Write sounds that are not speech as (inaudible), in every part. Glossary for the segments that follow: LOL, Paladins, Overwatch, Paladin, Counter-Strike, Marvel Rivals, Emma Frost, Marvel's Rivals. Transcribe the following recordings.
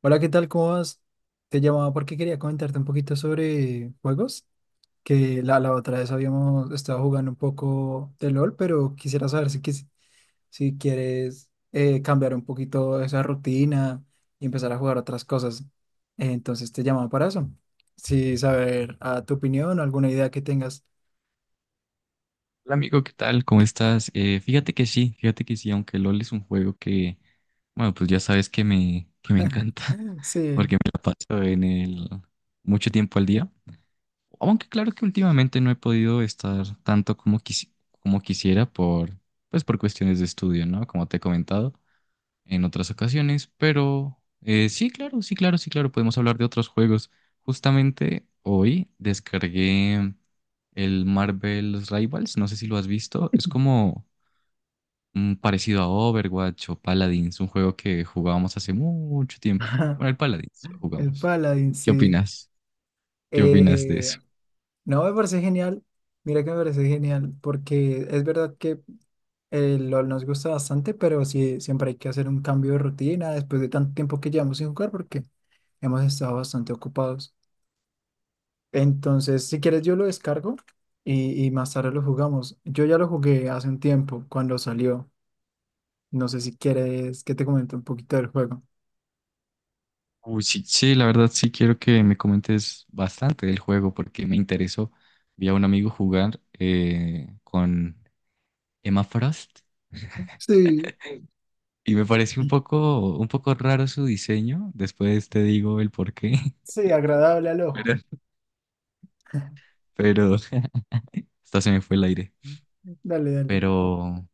Hola, ¿qué tal? ¿Cómo vas? Te llamaba porque quería comentarte un poquito sobre juegos, que la otra vez habíamos estado jugando un poco de LOL, pero quisiera saber si quieres cambiar un poquito esa rutina y empezar a jugar otras cosas. Entonces te llamaba para eso. Sí, saber a tu opinión, alguna idea que tengas. Hola amigo, ¿qué tal? ¿Cómo estás? Fíjate que sí, fíjate que sí, aunque LOL es un juego que, bueno, pues ya sabes que me encanta, (laughs) (laughs) Sí, porque me la paso en el mucho tiempo al día. Aunque claro que últimamente no he podido estar tanto como quisiera pues por cuestiones de estudio, ¿no? Como te he comentado en otras ocasiones, pero sí, claro, sí, claro, sí, claro, podemos hablar de otros juegos. Justamente hoy descargué el Marvel's Rivals, no sé si lo has visto, es como parecido a Overwatch o Paladins, un juego que jugábamos hace mucho tiempo. (laughs) Bueno, el Paladins lo el jugamos. Paladin, ¿Qué sí. opinas? ¿Qué opinas de eso? Eh, no, me parece genial. Mira que me parece genial, porque es verdad que el LOL nos gusta bastante, pero sí, siempre hay que hacer un cambio de rutina después de tanto tiempo que llevamos sin jugar porque hemos estado bastante ocupados. Entonces, si quieres, yo lo descargo y más tarde lo jugamos. Yo ya lo jugué hace un tiempo, cuando salió. No sé si quieres que te comente un poquito del juego. Uy, sí, sí, la verdad sí quiero que me comentes bastante del juego porque me interesó. Vi a un amigo jugar con Emma Frost. Sí, Y me parece un poco, raro su diseño. Después te digo el por qué. (laughs) sí, agradable al ojo. Pero, (laughs) pero, (laughs) hasta se me fue el aire. Dale, dale. Pero,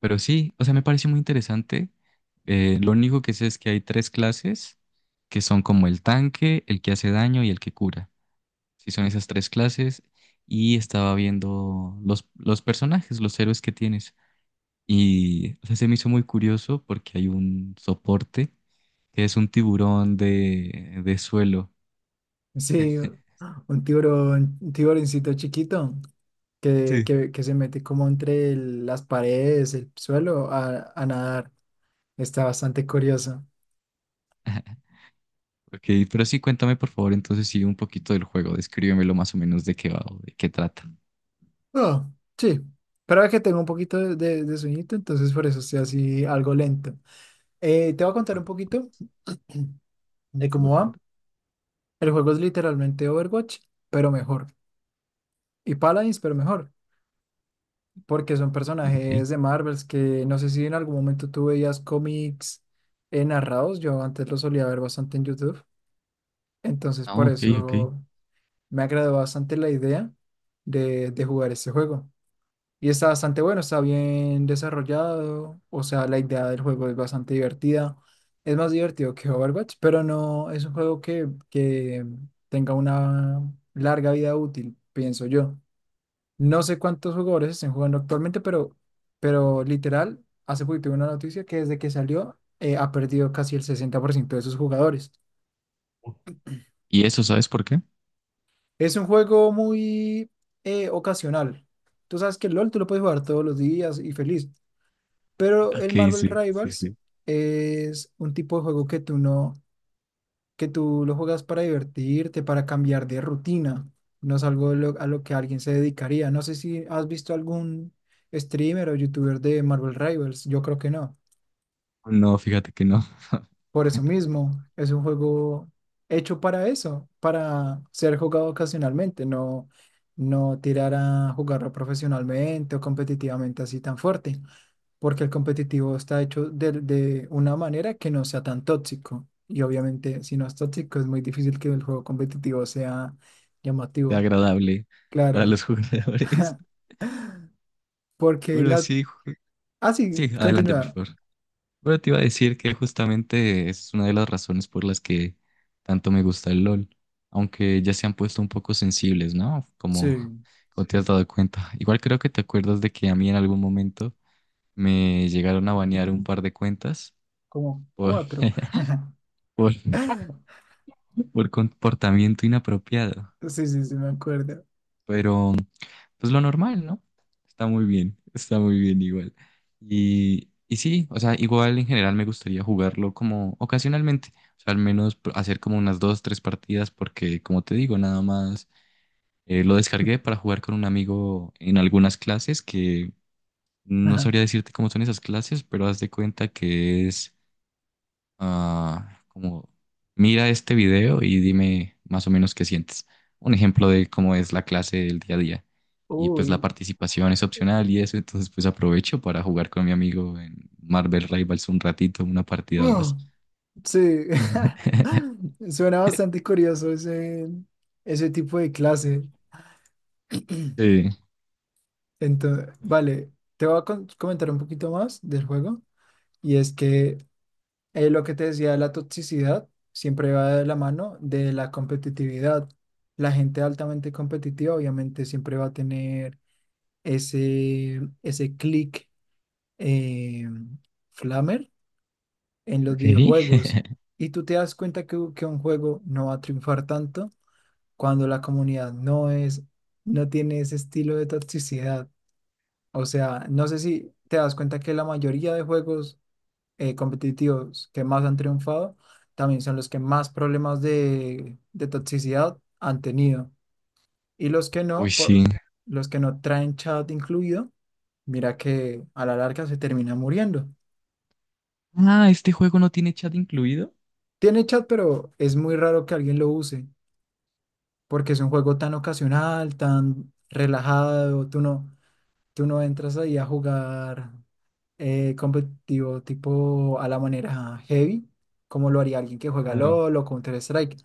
pero sí, o sea, me parece muy interesante. Lo único que sé es que hay tres clases que son como el tanque, el que hace daño y el que cura. Sí, son esas tres clases. Y estaba viendo los personajes, los héroes que tienes. Y o sea, se me hizo muy curioso porque hay un soporte que es un tiburón de suelo. Sí, un tiburón, un tiburoncito chiquito que, Sí. que, que se mete como entre las paredes, el suelo, a nadar. Está bastante curioso. (laughs) Ok, pero sí, cuéntame por favor entonces sí un poquito del juego, descríbemelo más o menos de qué va o de qué trata. Oh, sí. Pero es que tengo un poquito de sueñito, entonces por eso estoy así algo lento. Te voy a contar un poquito de Sí, cómo por favor. va. El juego es literalmente Overwatch, pero mejor. Y Paladins, pero mejor. Porque son Ok, personajes de Marvels que no sé si en algún momento tú veías cómics narrados. Yo antes los solía ver bastante en YouTube. Entonces por ok, ok. eso me agradó bastante la idea de jugar este juego. Y está bastante bueno, está bien desarrollado, o sea, la idea del juego es bastante divertida. Es más divertido que Overwatch, pero no es un juego que tenga una larga vida útil, pienso yo. No sé cuántos jugadores estén jugando actualmente, pero literal, hace poquito vi una noticia que desde que salió ha perdido casi el 60% de sus jugadores. ¿Y eso sabes por qué? Es un juego muy ocasional. Tú sabes que el LOL tú lo puedes jugar todos los días y feliz, pero Ok, el Marvel sí, sí, Rivals sí. es un tipo de juego que tú no, que tú lo juegas para divertirte, para cambiar de rutina. No es algo a lo que alguien se dedicaría. No sé si has visto algún streamer o youtuber de Marvel Rivals. Yo creo que no. No, fíjate que no. Por eso (laughs) mismo, es un juego hecho para eso, para ser jugado ocasionalmente, no, no tirar a jugarlo profesionalmente o competitivamente así tan fuerte, porque el competitivo está hecho de una manera que no sea tan tóxico. Y obviamente, si no es tóxico, es muy difícil que el juego competitivo sea Sea llamativo. agradable para Claro, los (laughs) jugadores. porque Bueno, la... sí, Ah, sí, sí, adelante por continúa. favor. Pero te iba a decir que justamente es una de las razones por las que tanto me gusta el LOL, aunque ya se han puesto un poco sensibles, ¿no? Como, Sí, como te has dado cuenta. Igual creo que te acuerdas de que a mí en algún momento me llegaron a banear un par de cuentas como por, cuatro. (laughs) por, por comportamiento inapropiado, Sí, sí, sí, me acuerdo. pero... pues lo normal, ¿no? Está muy bien igual. Y sí, o sea, igual en general me gustaría jugarlo como ocasionalmente, o sea, al menos hacer como unas dos, tres partidas, porque como te digo, nada más lo descargué para jugar con un amigo en algunas clases que (laughs) no Ajá. sabría decirte cómo son esas clases, pero haz de cuenta que es como mira este video y dime más o menos qué sientes. Un ejemplo de cómo es la clase del día a día. Y pues la Uy, participación es opcional y eso, entonces pues aprovecho para jugar con mi amigo en Marvel Rivals un ratito, una partida o dos. mm, sí, (laughs) (laughs) suena bastante curioso ese tipo de clase. Sí. Entonces, vale, te voy a comentar un poquito más del juego. Y es que lo que te decía de la toxicidad siempre va de la mano de la competitividad. La gente altamente competitiva obviamente siempre va a tener ese click eh, flamer en los Ok. videojuegos. Y tú te das cuenta que un juego no va a triunfar tanto cuando la comunidad no es, no tiene ese estilo de toxicidad. O sea, no sé si te das cuenta que la mayoría de juegos competitivos que más han triunfado también son los que más problemas de toxicidad han tenido. Y los que Uy, no, sí. Los que no traen chat incluido, mira que a la larga se termina muriendo. Ah, este juego no tiene chat incluido. Tiene chat, pero es muy raro que alguien lo use, porque es un juego tan ocasional, tan relajado, tú no. Tú no entras ahí a jugar competitivo tipo a la manera heavy, como lo haría alguien que juega Claro. LOL o Counter-Strike,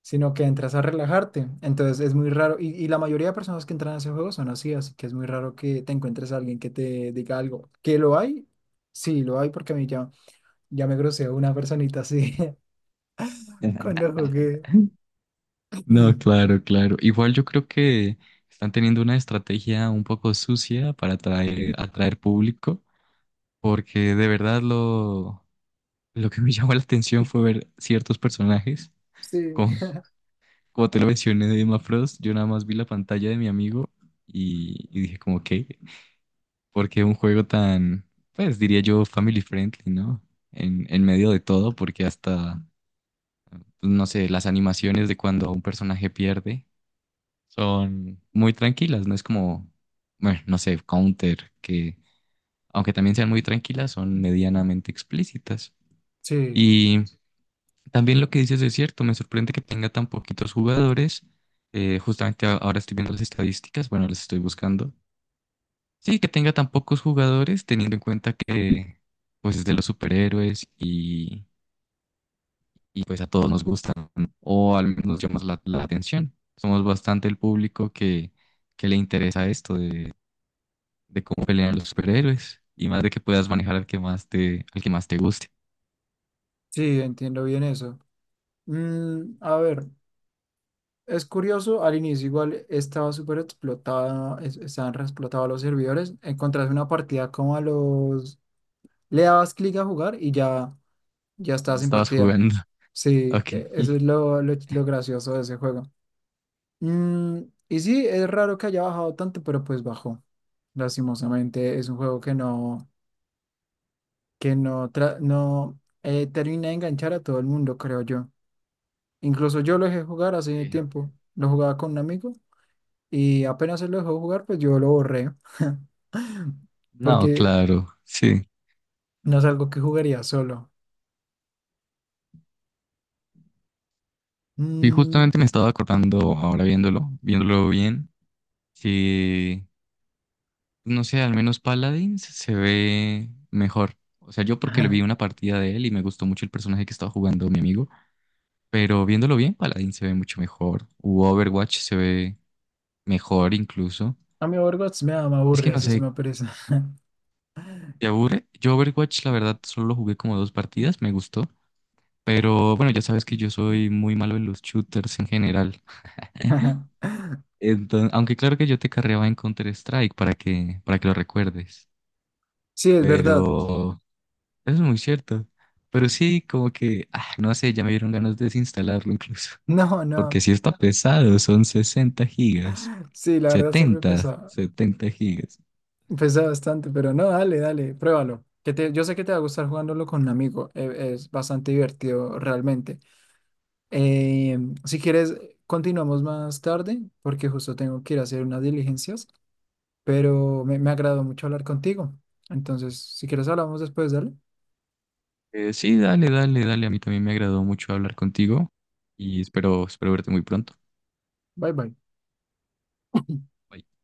sino que entras a relajarte. Entonces es muy raro, y la mayoría de personas que entran a ese juego son así, así que es muy raro que te encuentres a alguien que te diga algo. ¿Que lo hay? Sí, lo hay porque a mí ya me groseó una personita así (laughs) cuando (laughs) jugué. No, (clears throat) claro, claro. Igual yo creo que están teniendo una estrategia un poco sucia para atraer, público. Porque de verdad lo que me (laughs) llamó la atención fue ver ciertos personajes. Sí. Como, como te lo mencioné de Emma Frost, yo nada más vi la pantalla de mi amigo y, dije como, ¿qué? Porque un juego tan, pues diría yo, family friendly, ¿no? en medio de todo, porque hasta, pues, no sé, las animaciones de cuando un personaje pierde son muy tranquilas, no es como, bueno, no sé, Counter, que aunque también sean muy tranquilas, son medianamente explícitas. Sí, También lo que dices es cierto, me sorprende que tenga tan poquitos jugadores. Justamente ahora estoy viendo las estadísticas, bueno, las estoy buscando. Sí, que tenga tan pocos jugadores, teniendo en cuenta que pues es de los superhéroes y, pues a todos nos gustan, ¿no? O al menos llamas la atención. Somos bastante el público que le interesa esto de cómo pelean los superhéroes y más de que puedas manejar al que más te, guste. sí, entiendo bien eso. Mm, a ver. Es curioso, al inicio igual estaba súper explotada, estaban re explotados los servidores. Encontrás una partida como a los... Le dabas clic a jugar y ya, ya estabas en Estabas partida. jugando. (laughs) Sí, Ok. Eso es lo gracioso de ese juego. Mm, y sí, es raro que haya bajado tanto, pero pues bajó. Lastimosamente es un juego que no, que no termina de enganchar a todo el mundo, creo yo. Incluso yo lo dejé jugar hace Eh, tiempo. Lo jugaba con un amigo. Y apenas él lo dejó jugar, pues yo lo borré, (clears throat) (laughs) No, porque claro, sí. no es algo que jugaría solo. Y Mm. justamente me estaba acordando, ahora viéndolo, viéndolo bien, que, pues, no sé, al menos Paladins se ve mejor. O sea, yo porque le vi (laughs) una partida de él y me gustó mucho el personaje que estaba jugando mi amigo, pero viéndolo bien, Paladins se ve mucho mejor. U Overwatch se ve mejor incluso. A mí Overwatch me da, me Es que aburre, no eso sí sé, me pereza. te aburre. Yo Overwatch, la verdad, solo jugué como dos partidas, me gustó. Pero bueno, ya sabes que yo soy muy malo en los shooters en general. (laughs) Entonces, aunque claro que yo te carreaba en Counter-Strike para que, lo recuerdes. Sí, es verdad. (laughs) Pero eso es muy cierto. Pero sí, como que, no sé, ya me dieron ganas de desinstalarlo incluso. (laughs) No, Porque no. sí está pesado, son 60 gigas. Sí, la verdad siempre setenta, pesa, setenta gigas. pesa bastante, pero no, dale, dale, pruébalo. Que te, yo sé que te va a gustar jugándolo con un amigo. Es, bastante divertido realmente. Eh, si quieres, continuamos más tarde, porque justo tengo que ir a hacer unas diligencias. Pero me agradó mucho hablar contigo. Entonces, si quieres hablamos después, dale. Sí, dale, dale, dale. A mí también me agradó mucho hablar contigo y espero, verte muy pronto. Bye bye. Bye.